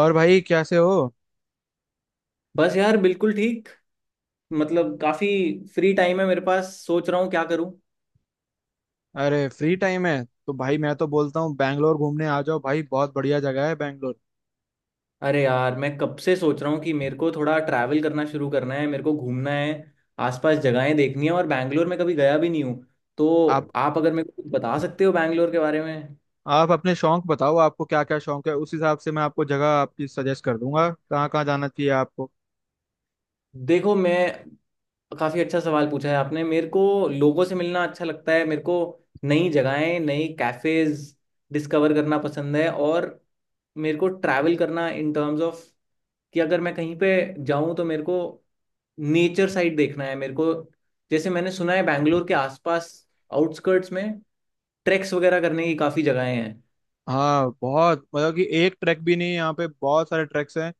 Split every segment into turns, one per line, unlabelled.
और भाई कैसे हो।
बस यार बिल्कुल ठीक। मतलब काफी फ्री टाइम है मेरे पास, सोच रहा हूँ क्या करूँ।
अरे फ्री टाइम है तो भाई मैं तो बोलता हूँ बैंगलोर घूमने आ जाओ भाई, बहुत बढ़िया जगह है बैंगलोर।
अरे यार मैं कब से सोच रहा हूँ कि मेरे को थोड़ा ट्रैवल करना शुरू करना है, मेरे को घूमना है, आसपास जगहें देखनी है और बैंगलोर में कभी गया भी नहीं हूँ। तो
आप
आप अगर मेरे को कुछ बता सकते हो बैंगलोर के बारे में।
आप अपने शौक बताओ, आपको क्या क्या शौक है उस हिसाब से मैं आपको जगह आपकी सजेस्ट कर दूंगा कहाँ कहाँ जाना चाहिए आपको।
देखो मैं, काफी अच्छा सवाल पूछा है आपने मेरे को। लोगों से मिलना अच्छा लगता है मेरे को, नई जगहें, नई कैफेज डिस्कवर करना पसंद है। और मेरे को ट्रैवल करना इन टर्म्स ऑफ कि अगर मैं कहीं पे जाऊं तो मेरे को नेचर साइड देखना है मेरे को। जैसे मैंने सुना है बैंगलोर के आसपास आउटस्कर्ट्स में ट्रैक्स वगैरह करने की काफी जगहें हैं।
हाँ बहुत मतलब कि एक ट्रैक भी नहीं है, यहाँ पे बहुत सारे ट्रैक्स हैं।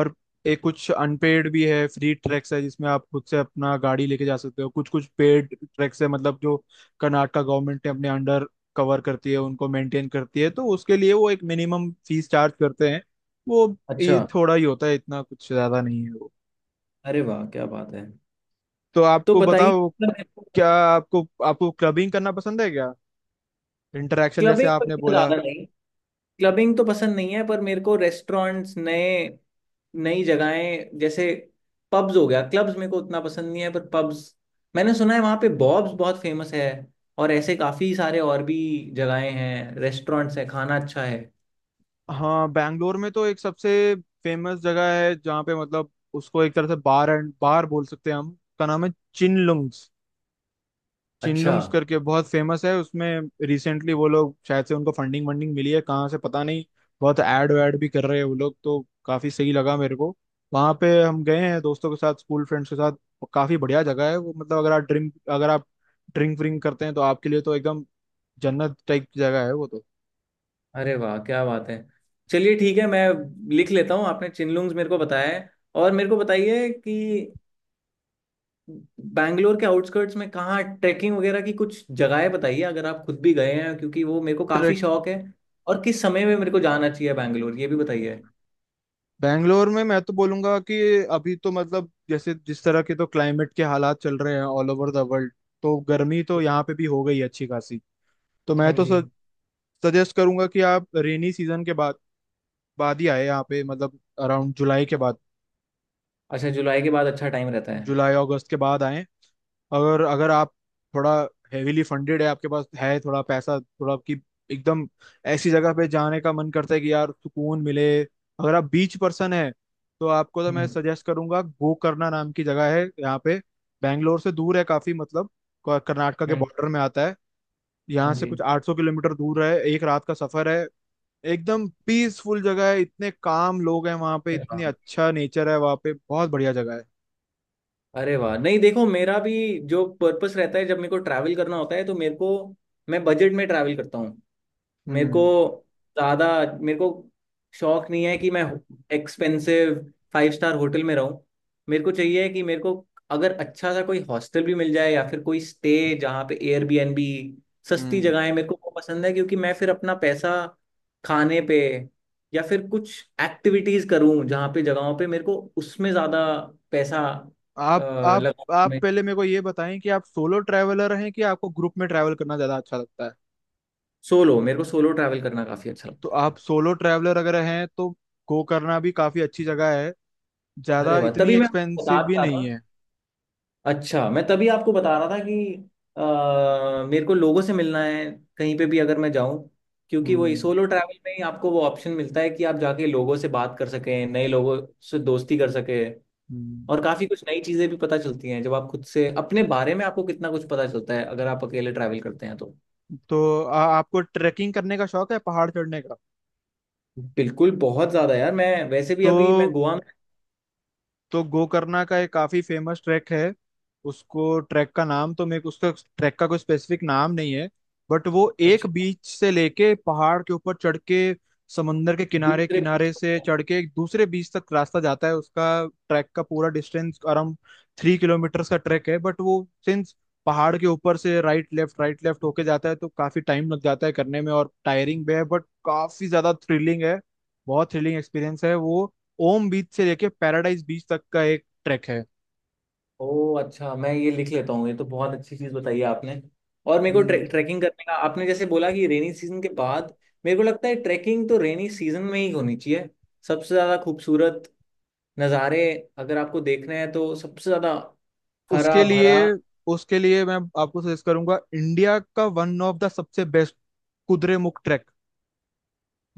और एक कुछ अनपेड भी है फ्री ट्रैक्स है जिसमें आप खुद से अपना गाड़ी लेके जा सकते हो, कुछ कुछ पेड ट्रैक्स है मतलब जो कर्नाटका गवर्नमेंट ने अपने अंडर कवर करती है उनको मेंटेन करती है तो उसके लिए वो एक मिनिमम फीस चार्ज करते हैं वो। ये
अच्छा।
थोड़ा ही होता है इतना कुछ ज्यादा नहीं है वो।
अरे वाह, क्या बात है।
तो
तो
आपको
बताइए।
बताओ, क्या आपको आपको क्लबिंग करना पसंद है क्या। इंटरेक्शन जैसे
क्लबिंग
आपने
वगैरह
बोला।
ज्यादा नहीं, क्लबिंग तो पसंद नहीं है। पर मेरे को रेस्टोरेंट्स नए, नई जगहें, जैसे पब्स हो गया। क्लब्स मेरे को उतना पसंद नहीं है पर पब्स, मैंने सुना है वहाँ पे बॉब्स बहुत फेमस है और ऐसे काफी सारे और भी जगहें हैं, रेस्टोरेंट्स हैं, खाना अच्छा है।
हाँ, बैंगलोर में तो एक सबसे फेमस जगह है जहाँ पे मतलब उसको एक तरह से बार एंड बार बोल सकते हैं हम, उसका नाम है चिनलुंग्स।
अच्छा।
चिनलुंग्स करके बहुत फेमस है उसमें। रिसेंटली वो लोग शायद से उनको फंडिंग वंडिंग मिली है कहाँ से पता नहीं। बहुत ऐड वैड भी कर रहे हैं वो लोग, तो काफी सही लगा मेरे को। वहाँ पे हम गए हैं दोस्तों के साथ, स्कूल फ्रेंड्स के साथ। काफी बढ़िया जगह है वो, मतलब अगर आप ड्रिंक अगर आप ड्रिंक व्रिंक करते हैं तो आपके लिए तो एकदम जन्नत टाइप की जगह है वो।
अरे वाह, क्या बात है। चलिए ठीक है, मैं लिख लेता हूँ। आपने चिनलुंग्स मेरे को बताया है। और मेरे को बताइए कि बैंगलोर के आउटस्कर्ट्स में कहाँ ट्रैकिंग वगैरह की, कुछ जगहें बताइए अगर आप खुद भी गए हैं, क्योंकि वो मेरे को
तो
काफ़ी शौक है। और किस समय में मेरे को जाना चाहिए बैंगलोर, ये भी बताइए।
बैंगलोर में मैं तो बोलूंगा कि अभी तो मतलब जैसे जिस तरह के तो क्लाइमेट के हालात चल रहे हैं ऑल ओवर द वर्ल्ड, तो गर्मी तो यहाँ पे भी हो गई है अच्छी खासी। तो मैं
हाँ
तो
जी।
सजेस्ट करूंगा कि आप रेनी सीजन के बाद बाद ही आए यहाँ पे, मतलब अराउंड जुलाई के बाद।
अच्छा, जुलाई के बाद अच्छा टाइम रहता है।
जुलाई अगस्त के बाद आए। अगर अगर आप थोड़ा हेविली फंडेड है, आपके पास है थोड़ा पैसा, थोड़ा आपकी एकदम ऐसी जगह पे जाने का मन करता है कि यार सुकून मिले, अगर आप बीच पर्सन है तो आपको तो मैं
हम्म।
सजेस्ट करूंगा गोकर्णा नाम की जगह है यहाँ पे। बैंगलोर से दूर है काफी, मतलब कर्नाटका के
हाँ।
बॉर्डर में आता है। यहाँ
हाँ
से
जी।
कुछ 800 किलोमीटर दूर है, एक रात का सफर है। एकदम पीसफुल जगह है, इतने काम लोग हैं वहाँ पे,
अरे
इतनी
वाह।
अच्छा नेचर है वहाँ पे, बहुत बढ़िया जगह है।
अरे वाह, नहीं देखो मेरा भी जो पर्पस रहता है जब मेरे को ट्रैवल करना होता है तो मेरे को, मैं बजट में ट्रैवल करता हूँ। मेरे को
हम्म।
ज्यादा, मेरे को शौक नहीं है कि मैं एक्सपेंसिव फाइव स्टार होटल में रहूं। मेरे को चाहिए कि मेरे को अगर अच्छा सा कोई हॉस्टल भी मिल जाए या फिर कोई स्टे जहाँ पे एयरबीएनबी, सस्ती
हम्म।
जगहें मेरे को वो पसंद है। क्योंकि मैं फिर अपना पैसा खाने पे या फिर कुछ एक्टिविटीज करूं, जहाँ पे जगहों पे मेरे को उसमें ज्यादा पैसा
आप
अ,
आप
लगा।
आप पहले मेरे को ये बताएं कि आप सोलो ट्रैवलर हैं कि आपको ग्रुप में ट्रैवल करना ज्यादा अच्छा लगता है।
सोलो, मेरे को सोलो ट्रैवल करना काफी अच्छा
तो
लगता
आप सोलो ट्रैवलर अगर हैं तो गोकर्णा भी काफी अच्छी जगह है,
है। अरे
ज्यादा
वाह,
इतनी
तभी मैं बता
एक्सपेंसिव भी
रहा
नहीं
था।
है।
अच्छा, मैं तभी आपको बता रहा था कि मेरे को लोगों से मिलना है, कहीं पे भी अगर मैं जाऊं। क्योंकि वही
हम्म।
सोलो ट्रैवल में ही आपको वो ऑप्शन मिलता है कि आप जाके लोगों से बात कर सकें, नए लोगों से दोस्ती कर सकें।
हम्म।
और काफ़ी कुछ नई चीज़ें भी पता चलती हैं जब आप खुद से, अपने बारे में आपको कितना कुछ पता चलता है अगर आप अकेले ट्रैवल करते हैं तो।
तो आपको ट्रैकिंग करने का शौक है पहाड़ चढ़ने का।
बिल्कुल, बहुत ज़्यादा यार। मैं वैसे भी
तो
अभी मैं गोवा में,
तो गोकर्णा का एक काफी फेमस ट्रैक है। उसको ट्रैक का नाम तो मेरे को उसका ट्रैक का कोई स्पेसिफिक नाम नहीं है। बट वो एक
अच्छा
बीच से लेके पहाड़ के ऊपर चढ़ के समंदर के किनारे
दूसरे बीच
किनारे
पर
से
था।
चढ़ के एक दूसरे बीच तक रास्ता जाता है उसका। ट्रैक का पूरा डिस्टेंस अराउंड 3 किलोमीटर का ट्रैक है, बट वो सिंस पहाड़ के ऊपर से राइट लेफ्ट होके जाता है तो काफी टाइम लग जाता है करने में, और टायरिंग भी है बट काफी ज्यादा थ्रिलिंग है। बहुत थ्रिलिंग एक्सपीरियंस है वो। ओम बीच से लेके पैराडाइज बीच तक का एक ट्रैक है।
ओ अच्छा, मैं ये लिख लेता हूँ, ये तो बहुत अच्छी चीज बताई है आपने। और मेरे को
हम्म।
ट्रैकिंग करने का आपने जैसे बोला कि रेनी सीजन के बाद, मेरे को लगता है ट्रैकिंग तो रेनी सीजन में ही होनी चाहिए। सबसे ज्यादा खूबसूरत नज़ारे अगर आपको देखने हैं तो, सबसे ज्यादा हरा
उसके
भरा।
लिए उसके लिए मैं आपको सजेस्ट करूंगा इंडिया का वन ऑफ द सबसे बेस्ट कुद्रेमुख ट्रैक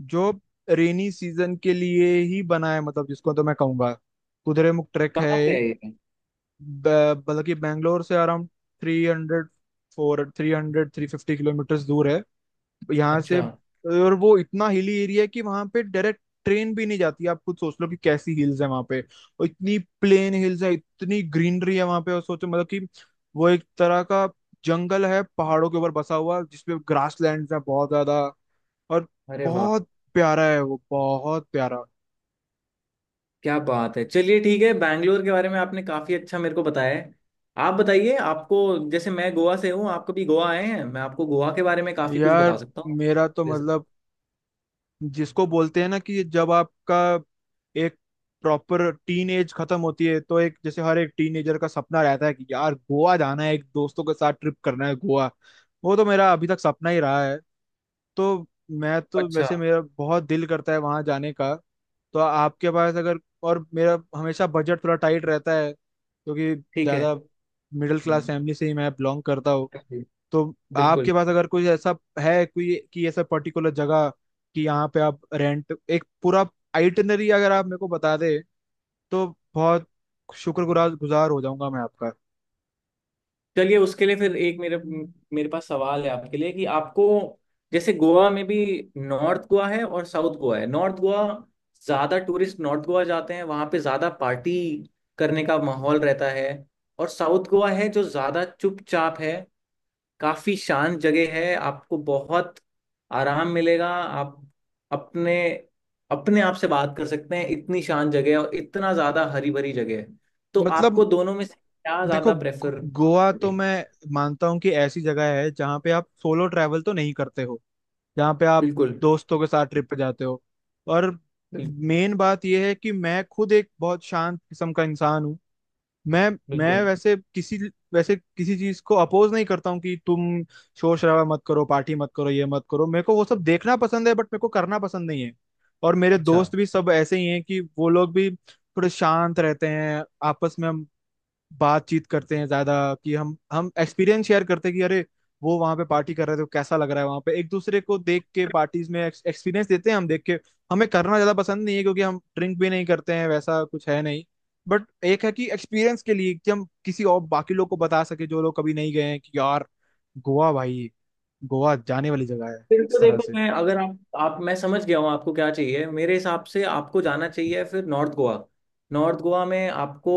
जो रेनी सीजन के लिए ही बना है, मतलब जिसको तो मैं कहूंगा कुद्रेमुख ट्रैक है
कहाँ पे है
एक।
ये?
बल्कि बैंगलोर से around three hundred four three hundred three fifty kilometre दूर है यहाँ से।
अच्छा।
और वो इतना हिली एरिया है कि वहां पे डायरेक्ट ट्रेन भी नहीं जाती, आप खुद सोच लो कि कैसी हिल्स है वहां पे। और इतनी प्लेन हिल्स है, इतनी ग्रीनरी है वहां पे, और सोचो मतलब कि वो एक तरह का जंगल है पहाड़ों के ऊपर बसा हुआ जिसपे ग्रास लैंड है बहुत ज्यादा। और
अरे वाह,
बहुत प्यारा है वो, बहुत प्यारा।
क्या बात है। चलिए ठीक है, बैंगलोर के बारे में आपने काफी अच्छा मेरे को बताया है। आप बताइए आपको, जैसे मैं गोवा से हूँ, आप कभी गोवा आए हैं? मैं आपको गोवा के बारे में काफी कुछ बता
यार,
सकता हूँ।
मेरा तो
जैसे,
मतलब जिसको बोलते हैं ना कि जब आपका एक प्रॉपर टीन एज खत्म होती है तो एक जैसे हर एक टीनेजर का सपना रहता है कि यार गोवा जाना है एक दोस्तों के साथ ट्रिप करना है गोवा। वो तो मेरा अभी तक सपना ही रहा है। तो मैं तो
अच्छा।
वैसे मेरा बहुत दिल करता है वहां जाने का। तो आपके पास अगर, और मेरा हमेशा बजट थोड़ा टाइट रहता है क्योंकि
ठीक है।
ज़्यादा मिडिल क्लास फैमिली से ही मैं बिलोंग करता हूँ।
जी,
तो
बिल्कुल।
आपके पास अगर कोई ऐसा है, कोई कि ऐसा पर्टिकुलर जगह कि यहाँ पे आप रेंट एक पूरा आइटनरी अगर आप मेरे को बता दे तो बहुत शुक्रगुजार गुजार हो जाऊंगा मैं आपका।
चलिए उसके लिए फिर एक मेरे मेरे पास सवाल है आपके लिए कि आपको, जैसे गोवा में भी नॉर्थ गोवा है और साउथ गोवा है। नॉर्थ गोवा, ज्यादा टूरिस्ट नॉर्थ गोवा जाते हैं, वहां पे ज्यादा पार्टी करने का माहौल रहता है। और साउथ गोवा है जो ज्यादा चुपचाप है, काफी शांत जगह है, आपको बहुत आराम मिलेगा। आप अपने, अपने आप से बात कर सकते हैं, इतनी शांत जगह है और इतना ज्यादा हरी भरी जगह है। तो
मतलब
आपको दोनों में से क्या
देखो
ज्यादा प्रेफर
गोवा तो
करोगे?
मैं मानता हूँ कि ऐसी जगह है जहाँ पे आप सोलो ट्रैवल तो नहीं करते हो, जहाँ पे आप
बिल्कुल।
दोस्तों के साथ ट्रिप पे जाते हो। और
बिल,
मेन बात यह है कि मैं खुद एक बहुत शांत किस्म का इंसान हूँ। मैं
बिल्कुल।
वैसे किसी चीज को अपोज नहीं करता हूँ कि तुम शोर शराबा मत करो, पार्टी मत करो, ये मत करो, मेरे को वो सब देखना पसंद है बट मेरे को करना पसंद नहीं है। और मेरे
अच्छा।
दोस्त भी सब ऐसे ही हैं कि वो लोग भी थोड़े शांत रहते हैं, आपस में बातचीत करते हैं ज्यादा, कि हम एक्सपीरियंस शेयर करते हैं कि अरे वो वहां पे पार्टी कर रहे थे कैसा लग रहा है वहां पे, एक दूसरे को देख के पार्टीज में एक्सपीरियंस देते हैं हम देख के। हमें करना ज्यादा पसंद नहीं है क्योंकि हम ड्रिंक भी नहीं करते हैं, वैसा कुछ है नहीं। बट एक है कि एक्सपीरियंस के लिए कि हम किसी और बाकी लोग को बता सके जो लोग कभी नहीं गए हैं कि यार गोवा भाई, गोवा जाने वाली जगह है,
फिर तो
इस तरह
देखो
से।
मैं, अगर आप, आप, मैं समझ गया हूँ आपको क्या चाहिए। मेरे हिसाब से आपको जाना चाहिए फिर नॉर्थ गोवा। नॉर्थ गोवा में आपको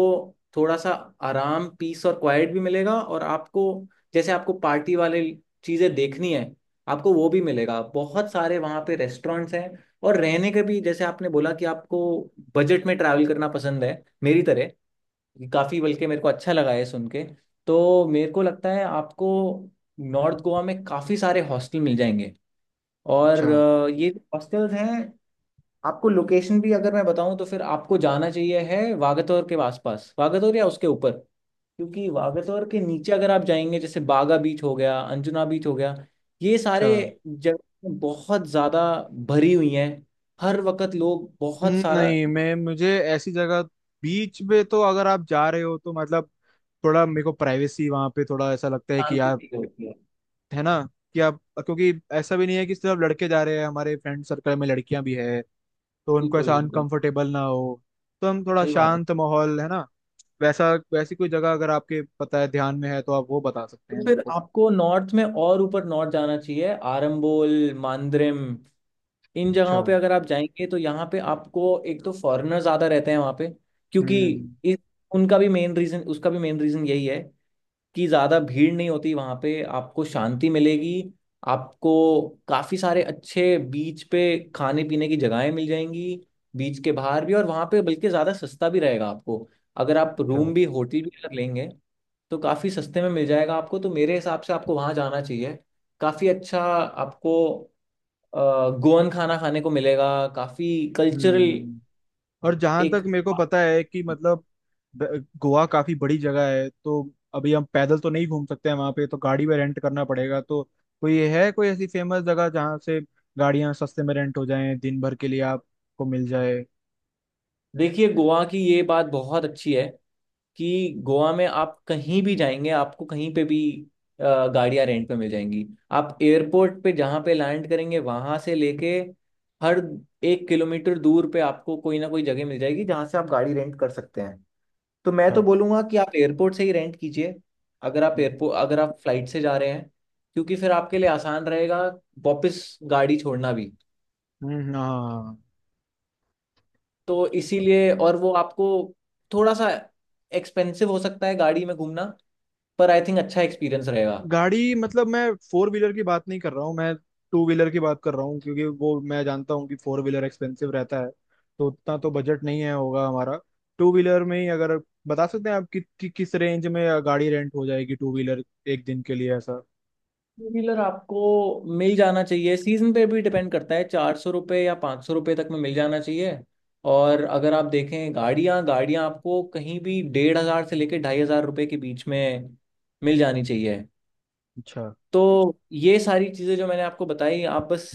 थोड़ा सा आराम, पीस और क्वाइट भी मिलेगा। और आपको, जैसे आपको पार्टी वाले चीज़ें देखनी है, आपको वो भी मिलेगा। बहुत सारे वहाँ पे रेस्टोरेंट्स हैं और रहने के भी, जैसे आपने बोला कि आपको बजट में ट्रैवल करना पसंद है मेरी तरह, काफ़ी, बल्कि मेरे को अच्छा लगा है सुन के। तो मेरे को लगता है आपको नॉर्थ गोवा में काफ़ी सारे हॉस्टल मिल जाएंगे।
अच्छा।
और ये हॉस्टल्स हैं। आपको लोकेशन भी अगर मैं बताऊं तो, फिर आपको जाना चाहिए है वागतौर के आसपास, वागतौर या उसके ऊपर। क्योंकि वागतौर के नीचे अगर आप जाएंगे, जैसे बागा बीच हो गया, अंजुना बीच हो गया, ये
अच्छा।
सारे जगह बहुत ज्यादा भरी हुई हैं। हर वक्त लोग बहुत सारा,
नहीं, मैं मुझे ऐसी जगह, बीच पे तो अगर आप जा रहे हो तो मतलब थोड़ा मेरे को प्राइवेसी वहां पे थोड़ा ऐसा लगता है कि
शांति
आप,
फील होती है।
है ना कि आप, क्योंकि ऐसा भी नहीं है कि सिर्फ लड़के जा रहे हैं, हमारे फ्रेंड सर्कल में लड़कियां भी है। तो उनको
बिल्कुल
ऐसा
बिल्कुल,
अनकंफर्टेबल ना हो। तो हम थोड़ा
सही बात है।
शांत माहौल, है ना। वैसा वैसी कोई जगह अगर आपके पता है, ध्यान में है तो आप वो बता सकते हैं
तो
मेरे
फिर
को।
आपको नॉर्थ में और ऊपर नॉर्थ जाना चाहिए, आरंबोल, मांद्रेम। इन
अच्छा।
जगहों पे अगर आप जाएंगे तो यहाँ पे आपको एक तो फॉरेनर ज्यादा रहते हैं वहाँ पे। क्योंकि
हम्म।
इस, उनका भी मेन रीजन, उसका भी मेन रीजन यही है कि ज्यादा भीड़ नहीं होती वहाँ पे, आपको शांति मिलेगी। आपको काफी सारे अच्छे बीच पे खाने पीने की जगहें मिल जाएंगी, बीच के बाहर भी। और वहाँ पे बल्कि ज्यादा सस्ता भी रहेगा आपको, अगर आप
अच्छा।
रूम भी, होटल भी अगर लेंगे, तो काफी सस्ते में मिल जाएगा आपको। तो मेरे हिसाब से आपको वहाँ जाना चाहिए। काफी अच्छा आपको गोवन खाना खाने को मिलेगा, काफी कल्चरल
हम्म। और जहां
एक।
तक मेरे को पता है कि मतलब गोवा काफी बड़ी जगह है, तो अभी हम पैदल तो नहीं घूम सकते हैं वहां पे, तो गाड़ी में रेंट करना पड़ेगा। तो कोई है कोई ऐसी फेमस जगह जहां से गाड़ियां सस्ते में रेंट हो जाएं, दिन भर के लिए आपको मिल जाए।
देखिए गोवा की ये बात बहुत अच्छी है कि गोवा में आप कहीं भी जाएंगे आपको कहीं पे भी गाड़ियां रेंट पे मिल जाएंगी। आप एयरपोर्ट पे जहाँ पे लैंड करेंगे वहां से लेके हर एक किलोमीटर दूर पे आपको कोई ना कोई जगह मिल जाएगी जहाँ से आप गाड़ी रेंट कर सकते हैं। तो मैं
अच्छा।
तो बोलूंगा कि आप एयरपोर्ट से ही रेंट कीजिए, अगर आप
हम्म।
एयरपोर्ट, अगर आप फ्लाइट से जा रहे हैं, क्योंकि फिर आपके लिए आसान रहेगा वापस गाड़ी छोड़ना भी।
हाँ।
तो इसीलिए, और वो आपको थोड़ा सा एक्सपेंसिव हो सकता है गाड़ी में घूमना, पर आई थिंक अच्छा एक्सपीरियंस रहेगा।
गाड़ी मतलब मैं फोर व्हीलर की बात नहीं कर रहा हूँ, मैं टू व्हीलर की बात कर रहा हूँ, क्योंकि वो मैं जानता हूँ कि फोर व्हीलर एक्सपेंसिव रहता है, तो उतना तो बजट नहीं है होगा हमारा। टू व्हीलर में ही अगर बता सकते हैं आप कि किस रेंज में गाड़ी रेंट हो जाएगी टू व्हीलर एक दिन के लिए ऐसा।
टू व्हीलर आपको मिल जाना चाहिए, सीजन पे भी डिपेंड करता है, ₹400 या ₹500 तक में मिल जाना चाहिए। और अगर आप देखें गाड़ियाँ गाड़ियाँ आपको कहीं भी 1,500 से लेके ₹2,500 के बीच में मिल जानी चाहिए।
अच्छा।
तो ये सारी चीज़ें जो मैंने आपको बताई, आप बस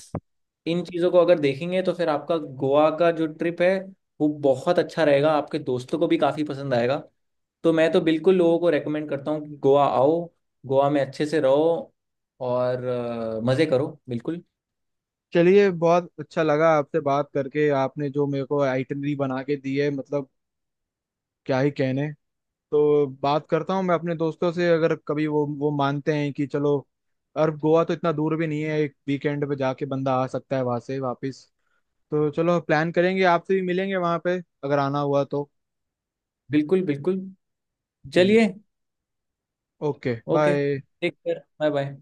इन चीज़ों को अगर देखेंगे तो फिर आपका गोवा का जो ट्रिप है वो बहुत अच्छा रहेगा। आपके दोस्तों को भी काफ़ी पसंद आएगा। तो मैं तो बिल्कुल लोगों को रेकमेंड करता हूँ कि गोवा आओ, गोवा में अच्छे से रहो और मज़े करो। बिल्कुल
चलिए, बहुत अच्छा लगा आपसे बात करके, आपने जो मेरे को आइटनरी बना के दी है मतलब क्या ही कहने। तो बात करता हूँ मैं अपने दोस्तों से, अगर कभी वो मानते हैं कि चलो, और गोवा तो इतना दूर भी नहीं है, एक वीकेंड पे जाके बंदा आ सकता है वहां से वापस। तो चलो प्लान करेंगे, आपसे भी मिलेंगे वहां पे अगर आना हुआ तो।
बिल्कुल बिल्कुल।
जी।
चलिए।
Okay,
okay,
bye.
Take care. Bye bye.